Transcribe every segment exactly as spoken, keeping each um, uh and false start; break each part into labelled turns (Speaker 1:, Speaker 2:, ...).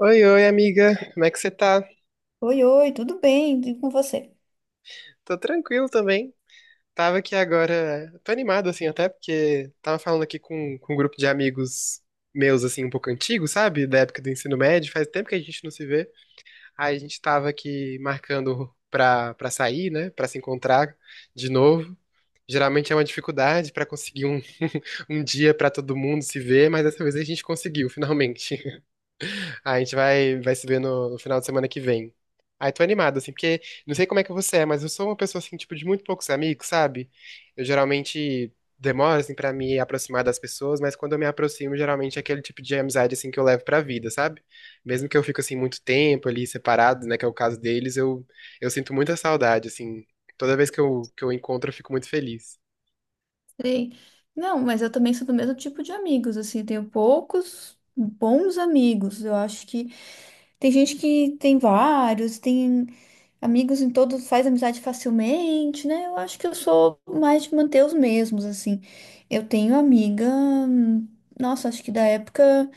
Speaker 1: Oi, oi, amiga. Como é que você tá?
Speaker 2: Oi, oi, tudo bem? E com você?
Speaker 1: Tô tranquilo também. Tava aqui agora. Tô animado, assim, até porque tava falando aqui com, com um grupo de amigos meus, assim, um pouco antigos, sabe? Da época do ensino médio. Faz tempo que a gente não se vê. Aí a gente tava aqui marcando pra, pra sair, né? Pra se encontrar de novo. Geralmente é uma dificuldade pra conseguir um, um dia pra todo mundo se ver, mas dessa vez a gente conseguiu, finalmente. A gente vai, vai se ver no, no final de semana que vem. Ai, tô animado, assim, porque não sei como é que você é, mas eu sou uma pessoa, assim, tipo, de muito poucos amigos, sabe? Eu geralmente demoro, assim, pra me aproximar das pessoas, mas quando eu me aproximo, geralmente é aquele tipo de amizade, assim, que eu levo pra vida, sabe? Mesmo que eu fique, assim, muito tempo ali separado, né, que é o caso deles, eu, eu sinto muita saudade, assim. Toda vez que eu, que eu encontro, eu fico muito feliz.
Speaker 2: Sei. Não, mas eu também sou do mesmo tipo de amigos, assim, tenho poucos bons amigos. Eu acho que tem gente que tem vários, tem amigos em todos, faz amizade facilmente, né? Eu acho que eu sou mais de manter os mesmos, assim. Eu tenho amiga, hum, nossa, acho que da época,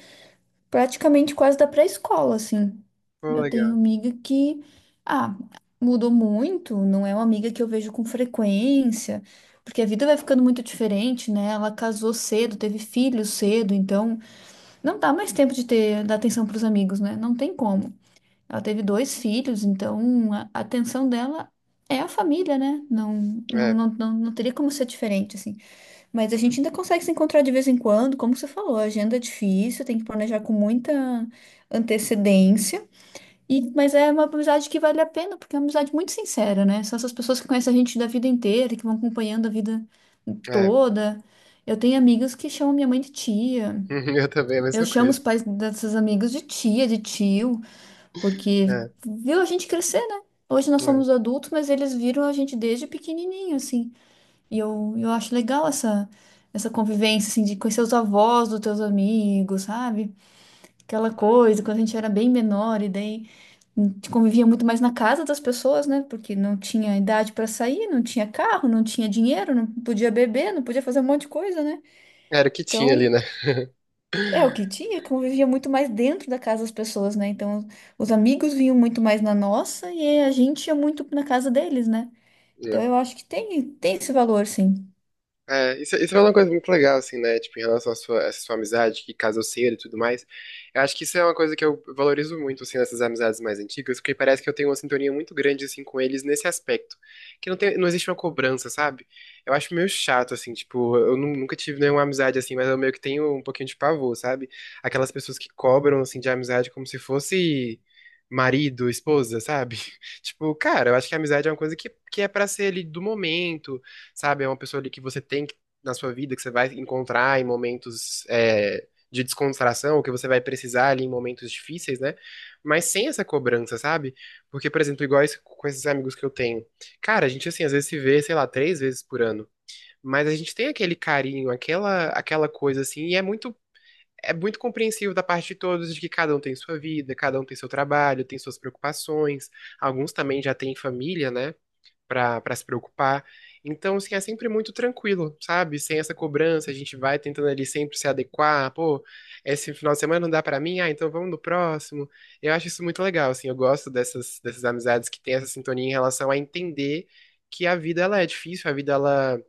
Speaker 2: praticamente quase da pré-escola, assim.
Speaker 1: Pô,
Speaker 2: Eu tenho
Speaker 1: legal.
Speaker 2: amiga que, ah, mudou muito, não é uma amiga que eu vejo com frequência, porque a vida vai ficando muito diferente, né? Ela casou cedo, teve filhos cedo, então não dá mais tempo de ter dar atenção para os amigos, né? Não tem como. Ela teve dois filhos, então a a atenção dela é a família, né? Não, não,
Speaker 1: É,
Speaker 2: não, não, não teria como ser diferente, assim. Mas a gente ainda consegue se encontrar de vez em quando, como você falou, a agenda é difícil, tem que planejar com muita antecedência. E, mas é uma amizade que vale a pena, porque é uma amizade muito sincera, né? São essas pessoas que conhecem a gente da vida inteira, que vão acompanhando a vida
Speaker 1: é.
Speaker 2: toda. Eu tenho amigas que chamam minha mãe de tia.
Speaker 1: Eu também, a
Speaker 2: Eu
Speaker 1: mesma
Speaker 2: chamo os
Speaker 1: coisa.
Speaker 2: pais dessas amigas de tia, de tio, porque
Speaker 1: É,
Speaker 2: viu a gente crescer, né? Hoje nós
Speaker 1: é.
Speaker 2: somos adultos, mas eles viram a gente desde pequenininho, assim. E eu, eu acho legal essa, essa convivência, assim, de conhecer os avós dos teus amigos, sabe? Aquela coisa, quando a gente era bem menor, e daí a gente convivia muito mais na casa das pessoas, né? Porque não tinha idade para sair, não tinha carro, não tinha dinheiro, não podia beber, não podia fazer um monte de coisa, né?
Speaker 1: Era o que tinha ali,
Speaker 2: Então,
Speaker 1: né?
Speaker 2: é o que tinha, convivia muito mais dentro da casa das pessoas, né? Então, os amigos vinham muito mais na nossa e a gente ia muito na casa deles, né? Então,
Speaker 1: É.
Speaker 2: eu acho que tem, tem esse valor, sim.
Speaker 1: É, isso, isso é uma coisa muito legal, assim, né? Tipo, em relação à sua, essa sua amizade, que casalceira e tudo mais. Eu acho que isso é uma coisa que eu valorizo muito, assim, nessas amizades mais antigas, porque parece que eu tenho uma sintonia muito grande, assim, com eles nesse aspecto. Que não tem, não existe uma cobrança, sabe? Eu acho meio chato, assim, tipo, eu nu- nunca tive nenhuma amizade assim, mas eu meio que tenho um pouquinho de pavor, sabe? Aquelas pessoas que cobram, assim, de amizade como se fosse marido, esposa, sabe? Tipo, cara, eu acho que a amizade é uma coisa que, que é pra ser ali do momento sabe? É uma pessoa ali que você tem que- na sua vida, que você vai encontrar em momentos é, de descontração, ou que você vai precisar ali em momentos difíceis, né? Mas sem essa cobrança, sabe? Porque, por exemplo, igual esse- com esses amigos que eu tenho. Cara, a gente, assim, às vezes se vê, sei lá, três vezes por ano. Mas a gente tem aquele carinho, aquela, aquela coisa, assim, e é muito. É muito compreensível da parte de todos de que cada um tem sua vida, cada um tem seu trabalho, tem suas preocupações. Alguns também já têm família, né? pra, pra se preocupar. Então, assim, é sempre muito tranquilo, sabe? Sem essa cobrança, a gente vai tentando ali sempre se adequar. Pô, esse final de semana não dá pra mim, ah, então vamos no próximo. Eu acho isso muito legal, assim, eu gosto dessas, dessas amizades que têm essa sintonia em relação a entender que a vida, ela é difícil, a vida, ela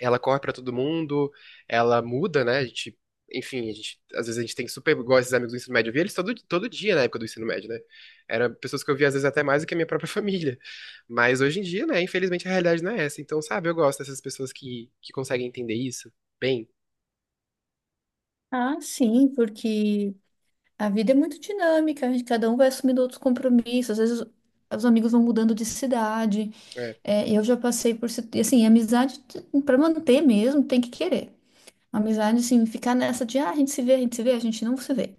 Speaker 1: ela corre pra todo mundo, ela muda, né? A gente, enfim, a gente, às vezes a gente tem super, igual esses amigos do ensino médio, eu via eles todo, todo dia na época do ensino médio, né? Eram pessoas que eu via às vezes até mais do que a minha própria família. Mas hoje em dia, né, infelizmente a realidade não é essa. Então, sabe, eu gosto dessas pessoas que, que conseguem entender isso bem.
Speaker 2: Ah, sim, porque a vida é muito dinâmica, cada um vai assumindo outros compromissos, às vezes os os amigos vão mudando de cidade.
Speaker 1: É.
Speaker 2: É, eu já passei por situ- e, assim, amizade para manter mesmo tem que querer. Amizade assim, ficar nessa de ah, a gente se vê, a gente se vê, a gente não se vê.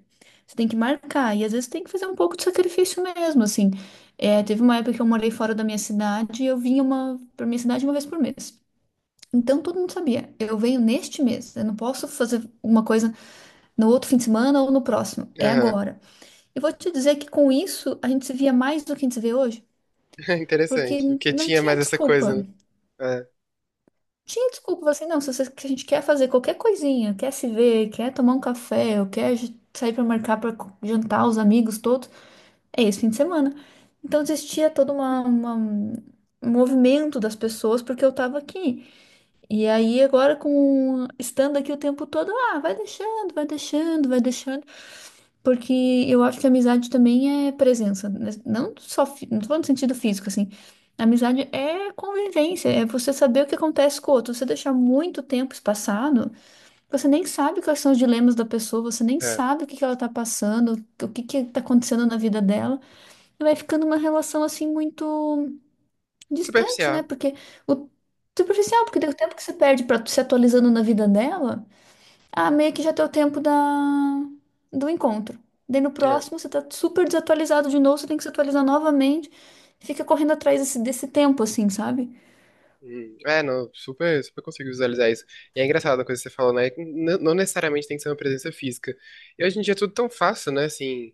Speaker 2: Você tem que marcar e às vezes tem que fazer um pouco de sacrifício mesmo, assim. É, teve uma época que eu morei fora da minha cidade e eu vinha uma para minha cidade uma vez por mês. Então todo mundo sabia, eu venho neste mês, eu não posso fazer uma coisa no outro fim de semana ou no próximo, é
Speaker 1: Aham.
Speaker 2: agora. Eu vou te dizer que com isso a gente se via mais do que a gente se vê hoje, porque
Speaker 1: Interessante. Porque
Speaker 2: não
Speaker 1: tinha
Speaker 2: tinha
Speaker 1: mais essa coisa, né?
Speaker 2: desculpa. Tinha desculpa, assim, não, se você, que a gente quer fazer qualquer coisinha, quer se ver, quer tomar um café, ou quer j- sair para marcar para jantar os amigos todos, é esse fim de semana. Então existia todo uma, uma- um movimento das pessoas porque eu estava aqui. E aí agora com estando aqui o tempo todo, ah, vai deixando, vai deixando, vai deixando. Porque eu acho que amizade também é presença, né? Não só, fi- não tô falando no sentido físico, assim. Amizade é convivência, é você saber o que acontece com o outro. Você deixar muito tempo espaçado, você nem sabe quais são os dilemas da pessoa, você nem
Speaker 1: É, é.
Speaker 2: sabe o que que ela tá passando, o que que tá acontecendo na vida dela. E vai ficando uma relação, assim, muito distante, né?
Speaker 1: Superficial.
Speaker 2: Porque o superficial, porque deu tempo que você perde pra se atualizando na vida dela. Ah, meio que já deu tempo da... do encontro. Daí no
Speaker 1: É.
Speaker 2: próximo você tá super desatualizado de novo, você tem que se atualizar novamente. Fica correndo atrás desse, desse tempo, assim, sabe?
Speaker 1: Hum, É, não, super, super consigo visualizar isso. E é engraçado a coisa que você falou, né? que n- Não necessariamente tem que ser uma presença física. E hoje em dia é tudo tão fácil, né? Assim,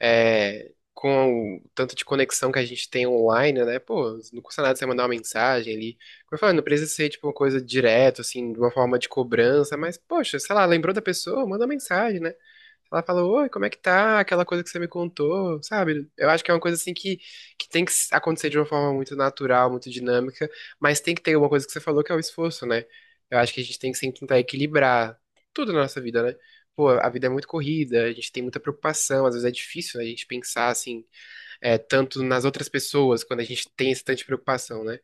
Speaker 1: é, com o tanto de conexão que a gente tem online, né? Pô, não custa nada você mandar uma mensagem ali. Como eu falei, não precisa ser, tipo, uma coisa direto, assim, de uma forma de cobrança, mas, poxa, sei lá, lembrou da pessoa, manda uma mensagem, né? Ela fala, oi, como é que tá? Aquela coisa que você me contou, sabe? Eu acho que é uma coisa assim que, que tem que acontecer de uma forma muito natural, muito dinâmica, mas tem que ter uma coisa que você falou que é o esforço, né? Eu acho que a gente tem que sempre tentar equilibrar tudo na nossa vida, né? Pô, a vida é muito corrida, a gente tem muita preocupação, às vezes é difícil, né, a gente pensar assim é, tanto nas outras pessoas, quando a gente tem essa tanta preocupação, né?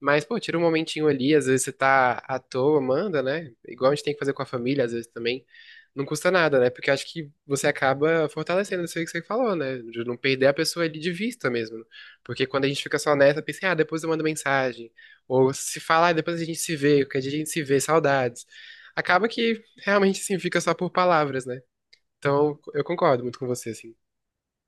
Speaker 1: Mas, pô, tira um momentinho ali, às vezes você tá à toa, manda, né? Igual a gente tem que fazer com a família, às vezes também. Não custa nada, né? Porque eu acho que você acaba fortalecendo isso aí que você falou, né? De não perder a pessoa ali de vista mesmo. Porque quando a gente fica só nessa, pensa, ah, depois eu mando mensagem. Ou se fala, ah, depois a gente se vê, qualquer dia a gente se vê, saudades. Acaba que realmente, assim, fica só por palavras, né? Então, eu concordo muito com você, assim.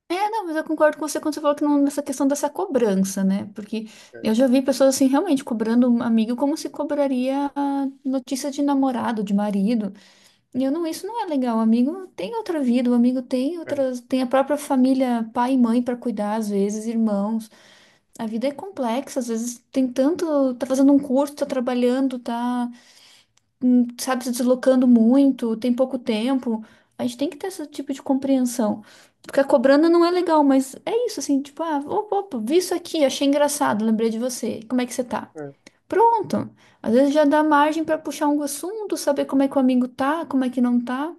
Speaker 2: É, não, mas eu concordo com você quando você falou que não, nessa questão dessa cobrança, né? Porque
Speaker 1: É,
Speaker 2: eu já vi pessoas, assim, realmente cobrando um amigo como se cobraria a notícia de namorado, de marido. E eu não, isso não é legal. O amigo tem outra vida, o amigo tem
Speaker 1: é,
Speaker 2: outras, tem a própria família, pai e mãe para cuidar, às vezes, irmãos. A vida é complexa, às vezes tem tanto, tá fazendo um curso, tá trabalhando, tá, hum, sabe, se deslocando muito, tem pouco tempo. A gente tem que ter esse tipo de compreensão. Ficar cobrando não é legal, mas é isso, assim, tipo, ah, opa, opa, vi isso aqui, achei engraçado, lembrei de você. Como é que você tá?
Speaker 1: é.
Speaker 2: Pronto. Às vezes já dá margem pra puxar um assunto, saber como é que o amigo tá, como é que não tá.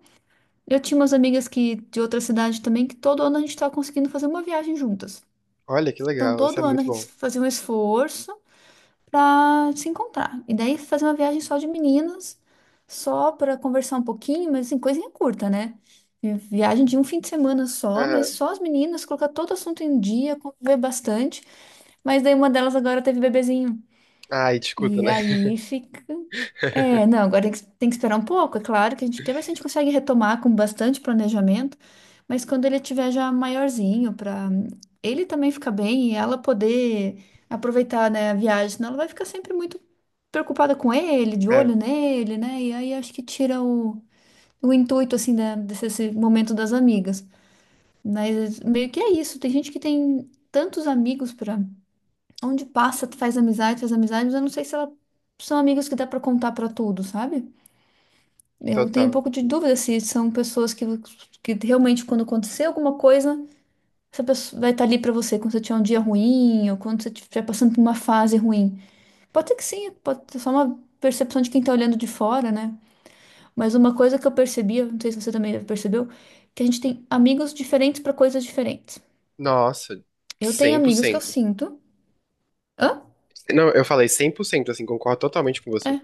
Speaker 2: Eu tinha umas amigas que de outra cidade também que todo ano a gente tava conseguindo fazer uma viagem juntas.
Speaker 1: Olha que
Speaker 2: Então
Speaker 1: legal, isso é
Speaker 2: todo ano a
Speaker 1: muito
Speaker 2: gente
Speaker 1: bom.
Speaker 2: fazia um esforço para se encontrar. E daí fazer uma viagem só de meninas, só para conversar um pouquinho, mas assim, coisinha curta, né? Vi- Viagem de um fim de semana só, mas
Speaker 1: Aham.
Speaker 2: só as meninas, colocar todo assunto em dia, conviver bastante. Mas daí uma delas agora teve bebezinho.
Speaker 1: Ai, discuta,
Speaker 2: E
Speaker 1: né?
Speaker 2: aí fica. É, não, agora tem que tem que esperar um pouco, é claro que a gente quer ver se a gente consegue retomar com bastante planejamento, mas quando ele tiver já maiorzinho, para ele também ficar bem e ela poder aproveitar, né, a viagem, senão ela vai ficar sempre muito preocupada com ele, de
Speaker 1: É,
Speaker 2: olho nele, né? E aí acho que tira o, o intuito, assim, da- desse esse momento das amigas. Mas meio que é isso, tem gente que tem tantos amigos para onde passa, tu faz amizade, faz amizade, mas eu não sei se ela são amigos que dá pra contar pra tudo, sabe? Eu tenho um
Speaker 1: total.
Speaker 2: pouco de dúvida se são pessoas que, que realmente, quando acontecer alguma coisa, essa pessoa vai estar ali pra você quando você tiver um dia ruim ou quando você estiver passando por uma fase ruim. Pode ser que sim, pode ser só uma percepção de quem tá olhando de fora, né? Mas uma coisa que eu percebi, não sei se você também percebeu, que a gente tem amigos diferentes pra coisas diferentes.
Speaker 1: Nossa,
Speaker 2: Eu tenho
Speaker 1: cem por
Speaker 2: amigos que eu
Speaker 1: cento.
Speaker 2: sinto. Hã?
Speaker 1: Não, eu falei cem por cento, assim, concordo totalmente com você.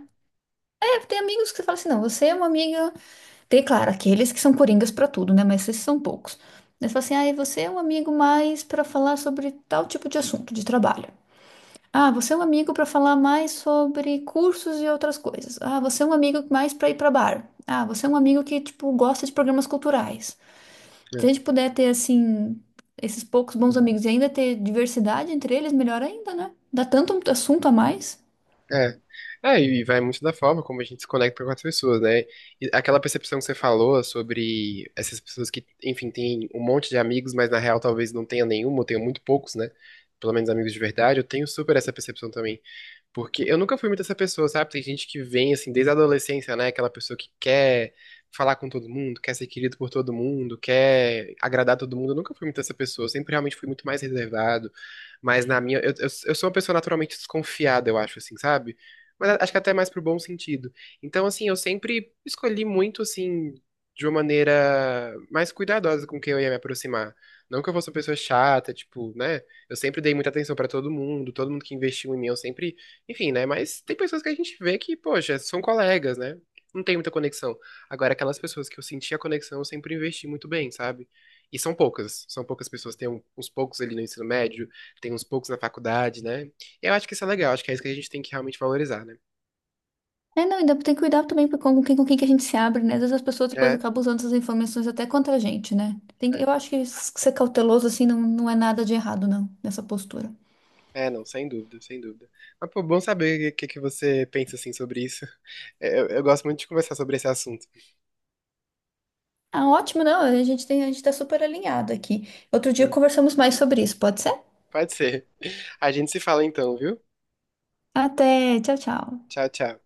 Speaker 2: É, tem amigos que você fala assim, não, você é uma amiga. Tem, claro, aqueles que são coringas pra tudo, né? Mas esses são poucos. Eles falam assim: ah, e você é um amigo mais pra falar sobre tal tipo de assunto de trabalho. Ah, você é um amigo pra falar mais sobre cursos e outras coisas. Ah, você é um amigo mais pra ir pra bar. Ah, você é um amigo que, tipo, gosta de programas culturais. Se
Speaker 1: É.
Speaker 2: a gente puder ter, assim, esses poucos bons amigos e ainda ter diversidade entre eles, melhor ainda, né? Dá tanto assunto a mais.
Speaker 1: É. É, e vai muito da forma como a gente se conecta com as pessoas, né? E aquela percepção que você falou sobre essas pessoas que, enfim, têm um monte de amigos, mas na real talvez não tenha nenhum, ou tenha muito poucos, né? Pelo menos amigos de verdade, eu tenho super essa percepção também. Porque eu nunca fui muito essa pessoa, sabe? Tem gente que vem, assim, desde a adolescência, né? Aquela pessoa que quer falar com todo mundo, quer ser querido por todo mundo, quer agradar todo mundo. Eu nunca fui muito essa pessoa. Eu sempre realmente fui muito mais reservado. Mas na minha. Eu, eu, eu sou uma pessoa naturalmente desconfiada, eu acho, assim, sabe? Mas a- acho que até mais pro bom sentido. Então, assim, eu sempre escolhi muito, assim, de uma maneira mais cuidadosa com quem eu ia me aproximar. Não que eu fosse uma pessoa chata, tipo, né? Eu sempre dei muita atenção pra todo mundo, todo mundo que investiu em mim, eu sempre enfim, né? Mas tem pessoas que a gente vê que, poxa, são colegas, né? Não tem muita conexão. Agora, aquelas pessoas que eu senti a conexão, eu sempre investi muito bem, sabe? E são poucas. São poucas pessoas. Tem um- uns poucos ali no ensino médio, tem uns poucos na faculdade, né? Eu acho que isso é legal. Acho que é isso que a gente tem que realmente valorizar, né?
Speaker 2: É, não, ainda tem que cuidar também com com quem, com quem que a gente se abre, né? Às vezes as pessoas depois
Speaker 1: É,
Speaker 2: acabam usando essas informações até contra a gente, né? Tem, que- eu
Speaker 1: é.
Speaker 2: acho que s- ser cauteloso, assim, não, não é nada de errado, não, nessa postura.
Speaker 1: É, não, sem dúvida, sem dúvida. Mas, pô, bom saber o que, que você pensa, assim, sobre isso. Eu, eu gosto muito de conversar sobre esse assunto.
Speaker 2: Ah, ótimo, não, a gente tem, a gente tá super alinhado aqui. Outro
Speaker 1: É,
Speaker 2: dia conversamos mais sobre isso, pode ser?
Speaker 1: pode ser. A gente se fala então, viu?
Speaker 2: Até, tchau, tchau.
Speaker 1: Tchau, tchau.